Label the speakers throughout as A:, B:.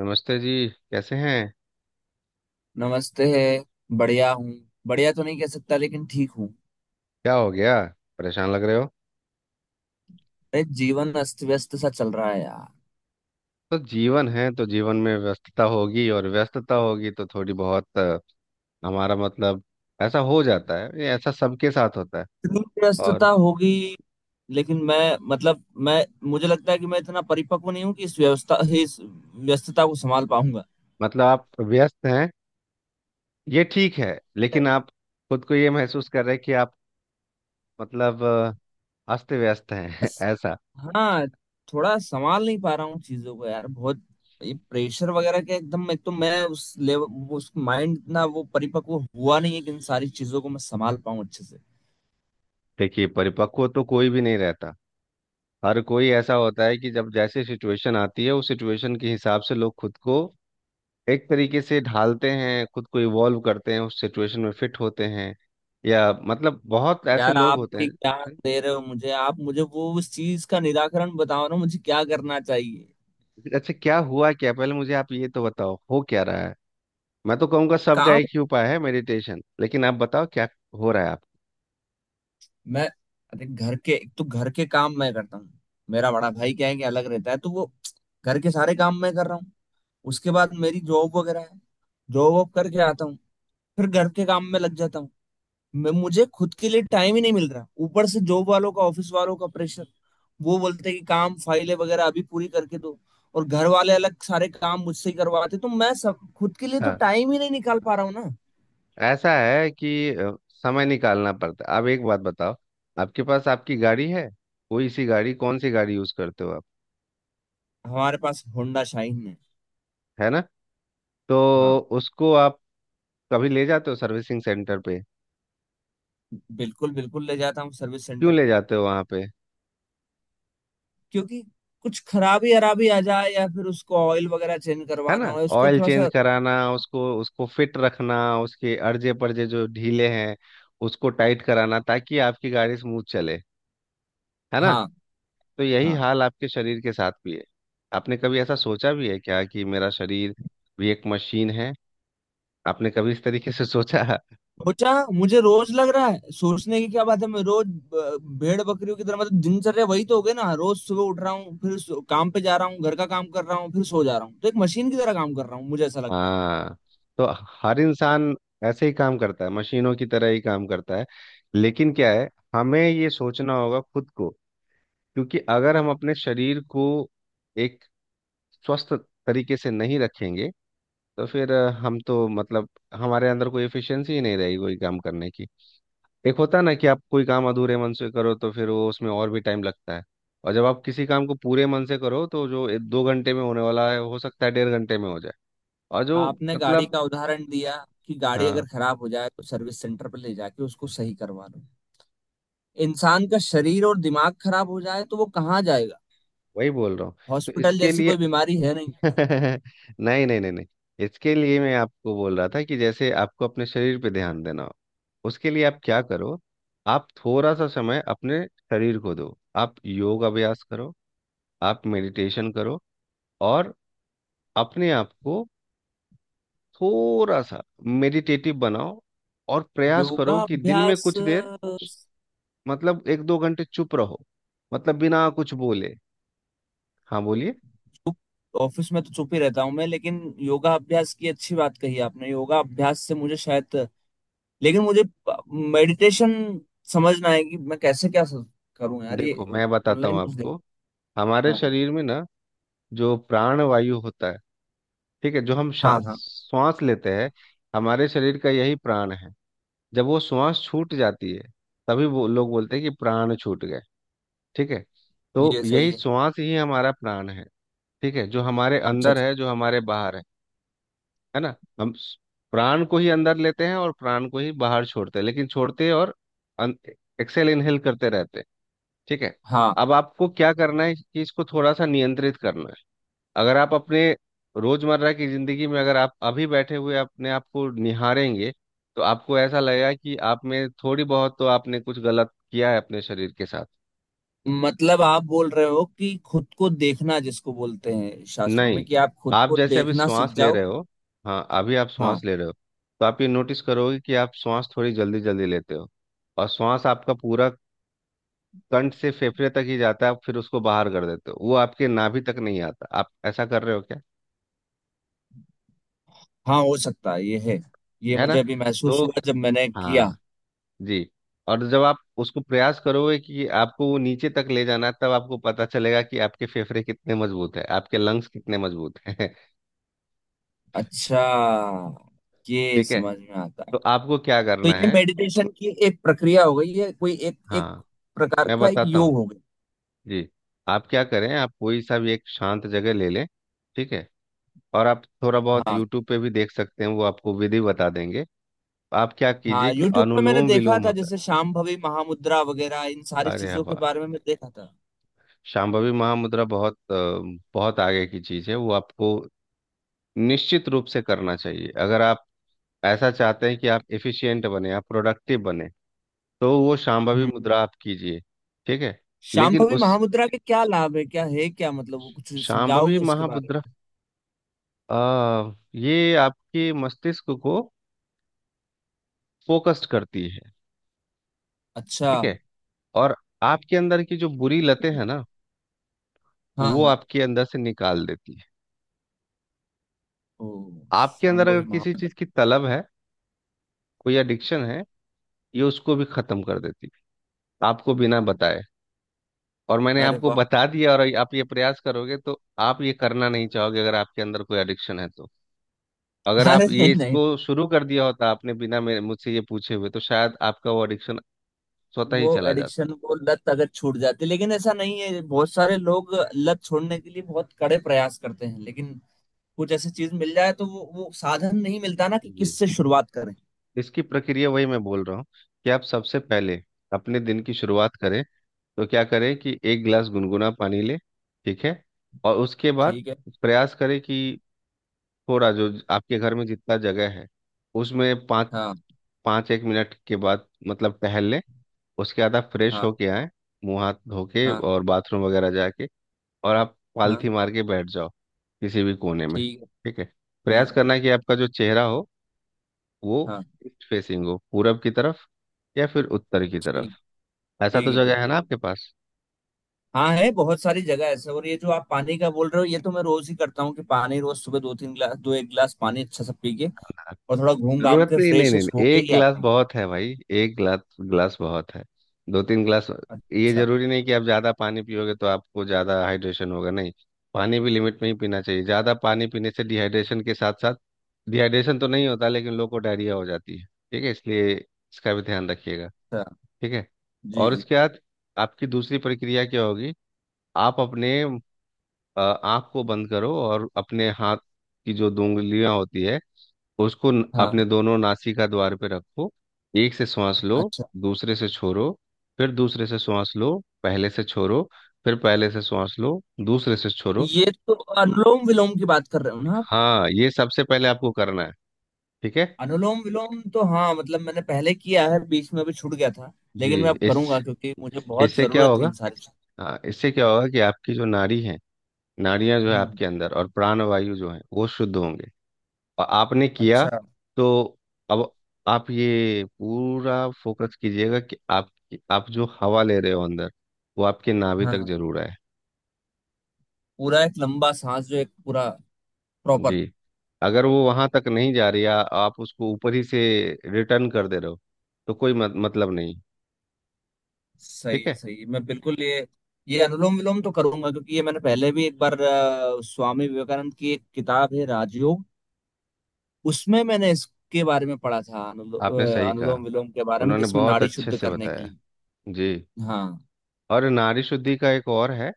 A: नमस्ते जी। कैसे हैं?
B: नमस्ते है। बढ़िया हूँ। बढ़िया तो नहीं कह सकता लेकिन ठीक हूँ।
A: क्या हो गया? परेशान लग रहे हो।
B: अरे जीवन अस्त व्यस्त सा चल रहा है यार।
A: तो जीवन है तो जीवन में व्यस्तता होगी, और व्यस्तता होगी तो थोड़ी बहुत हमारा मतलब ऐसा हो जाता है। ये ऐसा सबके साथ होता है।
B: इतनी
A: और
B: व्यस्तता होगी। लेकिन मैं मतलब मैं मुझे लगता है कि मैं इतना परिपक्व नहीं हूँ कि इस व्यवस्था इस व्यस्तता को संभाल पाऊंगा।
A: मतलब आप व्यस्त हैं ये ठीक है, लेकिन आप खुद को ये महसूस कर रहे हैं कि आप मतलब अस्त व्यस्त हैं
B: बस।
A: ऐसा।
B: हाँ। थोड़ा संभाल नहीं पा रहा हूँ चीजों को यार। बहुत ये प्रेशर वगैरह के एकदम एक तो मैं उस लेवल उस माइंड ना वो परिपक्व हुआ नहीं है कि इन सारी चीजों को मैं संभाल पाऊँ अच्छे से।
A: देखिए, परिपक्व तो कोई भी नहीं रहता। हर कोई ऐसा होता है कि जब जैसे सिचुएशन आती है उस सिचुएशन के हिसाब से लोग खुद को एक तरीके से ढालते हैं, खुद को इवॉल्व करते हैं, उस सिचुएशन में फिट होते हैं। या मतलब बहुत ऐसे
B: यार
A: लोग
B: आप
A: होते
B: भी क्या
A: हैं।
B: दे रहे हो मुझे। आप मुझे वो उस चीज का निराकरण बताओ ना, मुझे क्या करना चाहिए।
A: अच्छा, क्या हुआ? क्या पहले मुझे आप ये तो बताओ हो क्या रहा है। मैं तो कहूँगा सबका
B: काम।
A: एक ही उपाय है मेडिटेशन, लेकिन आप बताओ क्या हो रहा है आप।
B: मैं। अरे घर के एक तो घर के काम मैं करता हूँ। मेरा बड़ा भाई क्या है कि अलग रहता है, तो वो घर के सारे काम मैं कर रहा हूँ। उसके बाद मेरी जॉब वगैरह है। जॉब वॉब करके आता हूँ। फिर घर के काम में लग जाता हूँ। मैं मुझे खुद के लिए टाइम ही नहीं मिल रहा, ऊपर से जॉब वालों का, ऑफिस वालों का प्रेशर। वो बोलते कि काम, फाइलें वगैरह अभी पूरी करके दो। और घर वाले अलग सारे काम मुझसे ही करवाते, तो मैं सब खुद के लिए तो
A: हाँ,
B: टाइम ही नहीं निकाल पा रहा हूँ ना।
A: ऐसा है कि समय निकालना पड़ता है। अब एक बात बताओ, आपके पास आपकी गाड़ी है? कोई सी गाड़ी, कौन सी गाड़ी यूज करते हो आप?
B: हमारे पास होंडा शाइन है।
A: है ना? तो
B: हाँ।
A: उसको आप कभी ले जाते हो सर्विसिंग सेंटर पे?
B: बिल्कुल बिल्कुल, ले जाता हूँ सर्विस
A: क्यों
B: सेंटर
A: ले
B: पर।
A: जाते हो वहां पे?
B: क्योंकि कुछ खराबी अराबी आ जाए, या फिर उसको ऑयल वगैरह चेंज
A: है ना।
B: करवाना हो, उसको
A: ऑयल
B: थोड़ा
A: चेंज
B: सा।
A: कराना, उसको उसको फिट रखना, उसके अर्जे परजे जो ढीले हैं उसको टाइट कराना, ताकि आपकी गाड़ी स्मूथ चले। है ना?
B: हाँ
A: तो यही
B: हाँ।
A: हाल आपके शरीर के साथ भी है। आपने कभी ऐसा सोचा भी है क्या कि मेरा शरीर भी एक मशीन है? आपने कभी इस तरीके से सोचा?
B: सोचा। मुझे रोज लग रहा है, सोचने की क्या बात है, मैं रोज भेड़ बकरियों की तरह, मतलब दिनचर्या वही तो हो गई ना। रोज सुबह उठ रहा हूँ, फिर काम पे जा रहा हूँ, घर का काम कर रहा हूँ, फिर सो जा रहा हूँ। तो एक मशीन की तरह काम कर रहा हूँ, मुझे ऐसा लगता है।
A: हाँ, तो हर इंसान ऐसे ही काम करता है, मशीनों की तरह ही काम करता है। लेकिन क्या है, हमें ये सोचना होगा खुद को, क्योंकि अगर हम अपने शरीर को एक स्वस्थ तरीके से नहीं रखेंगे तो फिर हम तो मतलब हमारे अंदर कोई एफिशिएंसी ही नहीं रहेगी कोई काम करने की। एक होता है ना कि आप कोई काम अधूरे मन से करो तो फिर वो उसमें और भी टाइम लगता है, और जब आप किसी काम को पूरे मन से करो तो जो 2 घंटे में होने वाला है हो सकता है 1.5 घंटे में हो जाए। और जो
B: आपने गाड़ी
A: मतलब,
B: का उदाहरण दिया कि गाड़ी
A: हाँ,
B: अगर खराब हो जाए तो सर्विस सेंटर पर ले जाके उसको सही करवा लो। इंसान का शरीर और दिमाग खराब हो जाए तो वो कहाँ जाएगा।
A: वही बोल रहा हूँ। तो
B: हॉस्पिटल
A: इसके
B: जैसी
A: लिए
B: कोई बीमारी है नहीं।
A: नहीं नहीं नहीं नहीं, इसके लिए मैं आपको बोल रहा था कि जैसे आपको अपने शरीर पे ध्यान देना हो उसके लिए आप क्या करो, आप थोड़ा सा समय अपने शरीर को दो, आप योग अभ्यास करो, आप मेडिटेशन करो, और अपने आप को थोड़ा सा मेडिटेटिव बनाओ। और प्रयास
B: योगा
A: करो कि दिन में
B: अभ्यास।
A: कुछ देर मतलब एक दो घंटे चुप रहो, मतलब बिना कुछ बोले। हाँ बोलिए।
B: ऑफिस में तो चुप ही रहता हूँ मैं, लेकिन योगा अभ्यास की अच्छी बात कही आपने। योगा अभ्यास से मुझे शायद, लेकिन मुझे मेडिटेशन समझना है कि मैं कैसे क्या करूँ यार ये।
A: देखो, मैं बताता हूँ
B: ऑनलाइन कुछ देख।
A: आपको। हमारे
B: हाँ
A: शरीर में ना जो प्राण वायु होता है, ठीक है, जो हम
B: हाँ हाँ।
A: श्वास लेते हैं, हमारे शरीर का यही प्राण है। जब वो श्वास छूट जाती है तभी वो लोग बोलते हैं कि प्राण छूट गए। ठीक है? तो
B: ये सही
A: यही
B: है।
A: श्वास ही हमारा प्राण है। ठीक है, जो हमारे
B: अच्छा
A: अंदर
B: अच्छा।
A: है जो हमारे बाहर है। है ना, हम प्राण को ही अंदर लेते हैं और प्राण को ही बाहर छोड़ते हैं, लेकिन छोड़ते और एक्सेल इनहेल करते रहते हैं। ठीक है?
B: हाँ।
A: अब आपको क्या करना है कि इसको थोड़ा सा नियंत्रित करना है। अगर आप अपने रोजमर्रा की जिंदगी में अगर आप अभी बैठे हुए अपने आप को निहारेंगे तो आपको ऐसा लगेगा कि आप में थोड़ी बहुत तो आपने कुछ गलत किया है अपने शरीर के साथ।
B: मतलब आप बोल रहे हो कि खुद को देखना, जिसको बोलते हैं शास्त्रों
A: नहीं,
B: में कि आप खुद
A: आप
B: को
A: जैसे अभी
B: देखना सीख
A: श्वास ले
B: जाओ।
A: रहे हो, हाँ अभी आप श्वास
B: हाँ।
A: ले रहे हो, तो आप ये नोटिस करोगे कि आप श्वास थोड़ी जल्दी जल्दी लेते हो, और श्वास आपका पूरा कंठ से फेफड़े तक ही जाता है, आप फिर उसको बाहर कर देते हो, वो आपके नाभि तक नहीं आता। आप ऐसा कर रहे हो क्या?
B: हाँ हो सकता है, ये है। ये
A: है ना?
B: मुझे अभी महसूस
A: तो
B: हुआ जब मैंने किया।
A: हाँ जी, और जब आप उसको प्रयास करोगे कि आपको वो नीचे तक ले जाना है, तब आपको पता चलेगा कि आपके फेफड़े कितने मजबूत है, आपके लंग्स कितने मजबूत हैं।
B: अच्छा। ये
A: ठीक है,
B: समझ में आता है।
A: तो आपको क्या
B: तो
A: करना
B: ये
A: है।
B: मेडिटेशन की एक प्रक्रिया हो गई है, कोई एक एक
A: हाँ,
B: प्रकार
A: मैं
B: का एक
A: बताता
B: योग
A: हूँ
B: हो गया।
A: जी। आप क्या करें, आप कोई सा भी एक शांत जगह ले लें। ठीक है, और आप थोड़ा बहुत
B: हाँ।
A: यूट्यूब पे भी देख सकते हैं, वो आपको विधि बता देंगे। आप क्या
B: हाँ,
A: कीजिए कि
B: यूट्यूब पे मैंने
A: अनुलोम
B: देखा
A: विलोम
B: था
A: होता
B: जैसे शांभवी महामुद्रा वगैरह। इन सारी
A: है। अरे
B: चीजों के
A: वाह,
B: बारे में मैं देखा था।
A: शांभवी महामुद्रा बहुत बहुत आगे की चीज़ है। वो आपको निश्चित रूप से करना चाहिए अगर आप ऐसा चाहते हैं कि आप एफिशिएंट बने आप प्रोडक्टिव बने, तो वो शांभवी
B: हम्म।
A: मुद्रा आप कीजिए। ठीक है, लेकिन
B: शांभवी
A: उस
B: महामुद्रा के क्या लाभ है, क्या है, क्या मतलब वो कुछ
A: शांभवी
B: समझाओगे उसके बारे
A: महामुद्रा
B: में।
A: ये आपके मस्तिष्क को फोकस्ड करती है।
B: अच्छा।
A: ठीक है, और आपके अंदर की जो बुरी लतें हैं ना
B: हाँ
A: वो
B: हाँ।
A: आपके अंदर से निकाल देती है।
B: ओ।
A: आपके अंदर
B: शांभवी
A: अगर किसी चीज
B: महामुद्रा।
A: की तलब है, कोई एडिक्शन है, ये उसको भी खत्म कर देती है आपको बिना बताए। और मैंने
B: अरे
A: आपको
B: वाह।
A: बता दिया और आप ये प्रयास करोगे तो आप ये करना नहीं चाहोगे अगर आपके अंदर कोई एडिक्शन है तो। अगर
B: अरे
A: आप
B: नहीं
A: ये
B: नहीं।
A: इसको शुरू कर दिया होता आपने बिना मेरे मुझसे ये पूछे हुए तो शायद आपका वो एडिक्शन स्वतः ही
B: वो
A: चला जाता।
B: एडिक्शन, वो लत अगर छूट जाती। लेकिन ऐसा नहीं है, बहुत सारे लोग लत छोड़ने के लिए बहुत कड़े प्रयास करते हैं, लेकिन कुछ ऐसी चीज मिल जाए तो वो साधन नहीं मिलता ना कि
A: जी,
B: किससे शुरुआत करें।
A: इसकी प्रक्रिया वही मैं बोल रहा हूँ कि आप सबसे पहले अपने दिन की शुरुआत करें, तो क्या करें कि एक गिलास गुनगुना पानी लें। ठीक है, और उसके बाद
B: ठीक है।
A: प्रयास करें कि थोड़ा जो आपके घर में जितना जगह है उसमें पाँच
B: हाँ
A: पाँच एक मिनट के बाद मतलब टहल लें। उसके बाद आप फ्रेश
B: हाँ
A: होके आए, मुंह हाथ धो के
B: हाँ
A: और बाथरूम वगैरह जाके, और आप पालथी
B: हाँ।
A: मार के बैठ जाओ किसी भी कोने में।
B: ठीक है
A: ठीक है,
B: ठीक
A: प्रयास
B: है।
A: करना कि आपका जो चेहरा हो वो
B: हाँ।
A: ईस्ट फेसिंग हो, पूरब की तरफ या फिर उत्तर की
B: ठीक।
A: तरफ। ऐसा
B: ठीक
A: तो
B: है। ठीक
A: जगह है
B: है।
A: ना आपके पास?
B: हाँ है, बहुत सारी जगह ऐसे। और ये जो आप पानी का बोल रहे हो, ये तो मैं रोज ही करता हूँ कि पानी रोज सुबह दो तीन गिलास, दो एक गिलास पानी अच्छा सा पी के, और थोड़ा घूम घाम
A: जरूरत
B: के
A: नहीं नहीं
B: फ्रेश
A: नहीं नहीं,
B: होके
A: एक
B: ही
A: गिलास
B: आता हूँ।
A: बहुत है भाई। एक गिलास गिलास बहुत है, दो तीन गिलास ये
B: अच्छा
A: जरूरी नहीं कि आप ज्यादा पानी पियोगे तो आपको ज्यादा हाइड्रेशन होगा। नहीं, पानी भी लिमिट में ही पीना चाहिए। ज्यादा पानी पीने से डिहाइड्रेशन के साथ साथ, डिहाइड्रेशन तो नहीं होता लेकिन लोगों को डायरिया हो जाती है। ठीक है, इसलिए इसका भी ध्यान रखिएगा।
B: अच्छा।
A: ठीक है,
B: जी
A: और
B: जी।
A: उसके बाद आपकी दूसरी प्रक्रिया क्या होगी, आप अपने आँख को बंद करो और अपने हाथ की जो दो उंगलियां होती है उसको
B: हाँ।
A: अपने दोनों नासिका द्वार पे रखो। एक से श्वास लो,
B: अच्छा,
A: दूसरे से छोड़ो, फिर दूसरे से श्वास लो पहले से छोड़ो, फिर पहले से श्वास लो दूसरे से छोड़ो।
B: ये तो अनुलोम विलोम की बात कर रहे हो ना।
A: हाँ ये सबसे पहले आपको करना है। ठीक है
B: अनुलोम विलोम तो हाँ, मतलब मैंने पहले किया है, बीच में अभी छूट गया था,
A: जी।
B: लेकिन मैं अब
A: इस
B: करूंगा क्योंकि मुझे बहुत
A: इससे क्या
B: जरूरत है
A: होगा,
B: इन सारी चीजों
A: हाँ इससे क्या होगा कि आपकी जो नाड़ी है, नाड़ियां जो
B: की।
A: है
B: हम्म।
A: आपके अंदर और प्राण वायु जो है वो शुद्ध होंगे। आपने किया
B: अच्छा।
A: तो अब आप ये पूरा फोकस कीजिएगा कि आप जो हवा ले रहे हो अंदर वो आपके नाभि
B: हाँ
A: तक
B: हाँ।
A: जरूर आए।
B: पूरा एक लंबा सांस, जो एक पूरा प्रॉपर।
A: जी, अगर वो वहां तक नहीं जा रही है आप उसको ऊपर ही से रिटर्न कर दे रहे हो तो कोई मत, मतलब नहीं। ठीक
B: सही
A: है,
B: सही, मैं बिल्कुल ये अनुलोम विलोम तो करूंगा, क्योंकि ये मैंने पहले भी एक बार स्वामी विवेकानंद की एक किताब है राजयोग, उसमें मैंने इसके बारे में पढ़ा था।
A: आपने सही कहा,
B: अनुलोम विलोम के बारे में,
A: उन्होंने
B: जिसमें
A: बहुत
B: नाड़ी
A: अच्छे
B: शुद्ध
A: से
B: करने के
A: बताया
B: लिए।
A: जी।
B: हाँ।
A: और नारी शुद्धि का एक और है,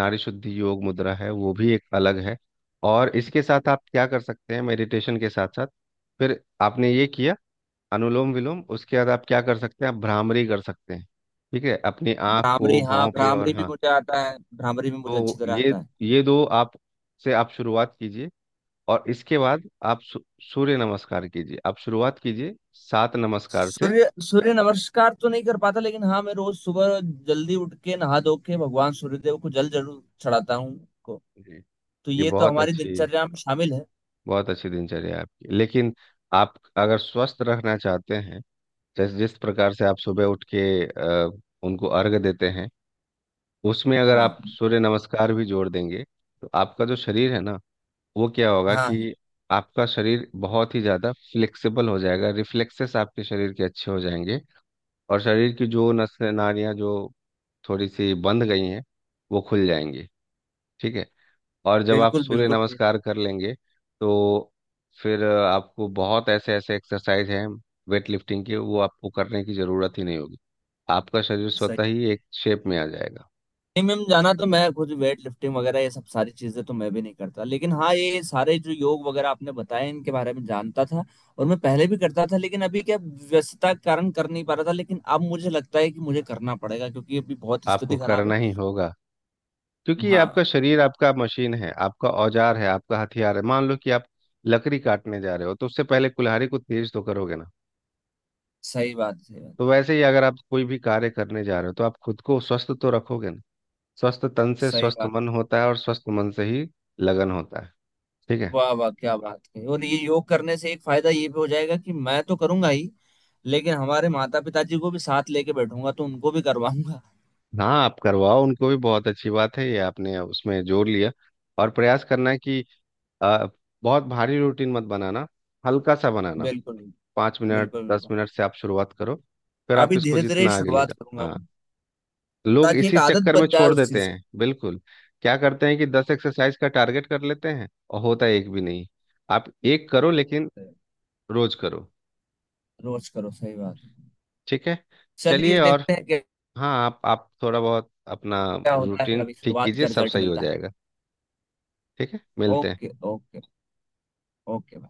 A: नारी शुद्धि योग मुद्रा है वो भी एक अलग है। और इसके साथ आप क्या कर सकते हैं मेडिटेशन के साथ साथ, फिर आपने ये किया अनुलोम विलोम, उसके बाद आप क्या कर सकते हैं आप भ्रामरी कर सकते हैं। ठीक है, अपनी आँख
B: भ्रामरी,
A: को
B: हाँ
A: भौं पे
B: भ्रामरी
A: और
B: भी
A: हाँ,
B: मुझे आता है, भ्रामरी भी मुझे अच्छी
A: तो
B: तरह आता है।
A: ये दो आप से आप शुरुआत कीजिए। और इसके बाद आप सूर्य नमस्कार कीजिए, आप शुरुआत कीजिए सात नमस्कार से।
B: सूर्य सूर्य नमस्कार तो नहीं कर पाता, लेकिन हाँ मैं रोज सुबह जल्दी उठ के नहा धो के भगवान सूर्यदेव को जल जरूर चढ़ाता हूँ। को,
A: जी।
B: तो
A: ये
B: ये तो
A: बहुत
B: हमारी
A: अच्छी,
B: दिनचर्या में शामिल है।
A: बहुत अच्छी दिनचर्या है आपकी, लेकिन आप अगर स्वस्थ रहना चाहते हैं जैसे जिस प्रकार से आप सुबह उठ के उनको अर्घ देते हैं, उसमें अगर
B: हाँ।
A: आप सूर्य नमस्कार भी जोड़ देंगे तो आपका जो शरीर है ना वो क्या होगा
B: हाँ।
A: कि आपका शरीर बहुत ही ज़्यादा फ्लेक्सिबल हो जाएगा, रिफ्लेक्सेस आपके शरीर के अच्छे हो जाएंगे, और शरीर की जो नसें नाड़ियाँ जो थोड़ी सी बंद गई हैं वो खुल जाएंगी। ठीक है, और जब आप
B: बिल्कुल
A: सूर्य
B: बिल्कुल।
A: नमस्कार कर लेंगे तो फिर आपको बहुत ऐसे ऐसे एक्सरसाइज हैं वेट लिफ्टिंग के वो आपको करने की ज़रूरत ही नहीं होगी। आपका शरीर
B: सही।
A: स्वतः ही एक शेप में आ जाएगा।
B: जिम में जाना तो मैं खुद, वेट लिफ्टिंग वगैरह ये सब सारी चीजें तो मैं भी नहीं करता, लेकिन हाँ ये सारे जो योग वगैरह आपने बताए, इनके बारे में जानता था और मैं पहले भी करता था। लेकिन अभी क्या, व्यस्तता के कारण कर नहीं पा रहा था, लेकिन अब मुझे लगता है कि मुझे करना पड़ेगा क्योंकि अभी बहुत
A: आपको
B: स्थिति खराब है।
A: करना ही होगा, क्योंकि ये आपका
B: हाँ।
A: शरीर आपका मशीन है, आपका औजार है, आपका हथियार है। मान लो कि आप लकड़ी काटने जा रहे हो तो उससे पहले कुल्हाड़ी को तेज तो करोगे ना,
B: सही बात है।
A: तो वैसे ही अगर आप कोई भी कार्य करने जा रहे हो तो आप खुद को स्वस्थ तो रखोगे ना। स्वस्थ तन से
B: सही
A: स्वस्थ
B: बात।
A: मन होता है, और स्वस्थ मन से ही लगन होता है। ठीक है।
B: वाह वाह, क्या बात है। और ये योग करने से एक फायदा ये भी हो जाएगा कि मैं तो करूंगा ही, लेकिन हमारे माता पिताजी को भी साथ लेके बैठूंगा तो उनको भी करवाऊंगा।
A: हाँ आप करवाओ उनको भी, बहुत अच्छी बात है ये आपने उसमें जोड़ लिया। और प्रयास करना कि आ, बहुत भारी रूटीन मत बनाना, हल्का सा बनाना।
B: बिल्कुल
A: पाँच मिनट
B: बिल्कुल
A: दस
B: बिल्कुल।
A: मिनट से आप शुरुआत करो, फिर आप
B: अभी
A: इसको
B: धीरे धीरे
A: जितना आगे ले
B: शुरुआत
A: जाओ।
B: करूंगा
A: हाँ,
B: मैं,
A: लोग
B: ताकि एक
A: इसी
B: आदत
A: चक्कर में
B: बन जाए
A: छोड़
B: उस
A: देते
B: चीज
A: हैं, बिल्कुल। क्या करते हैं कि 10 एक्सरसाइज का टारगेट कर लेते हैं और होता एक भी नहीं। आप एक करो लेकिन
B: की।
A: रोज करो।
B: रोज करो, सही बात है।
A: ठीक है,
B: चलिए
A: चलिए। और
B: देखते हैं क्या
A: हाँ, आप थोड़ा बहुत अपना
B: क्या होता है, फिर
A: रूटीन
B: अभी
A: ठीक
B: शुरुआत
A: कीजिए,
B: का
A: सब
B: रिजल्ट
A: सही हो
B: मिलता है।
A: जाएगा। ठीक है, मिलते हैं।
B: Okay okay. ओके।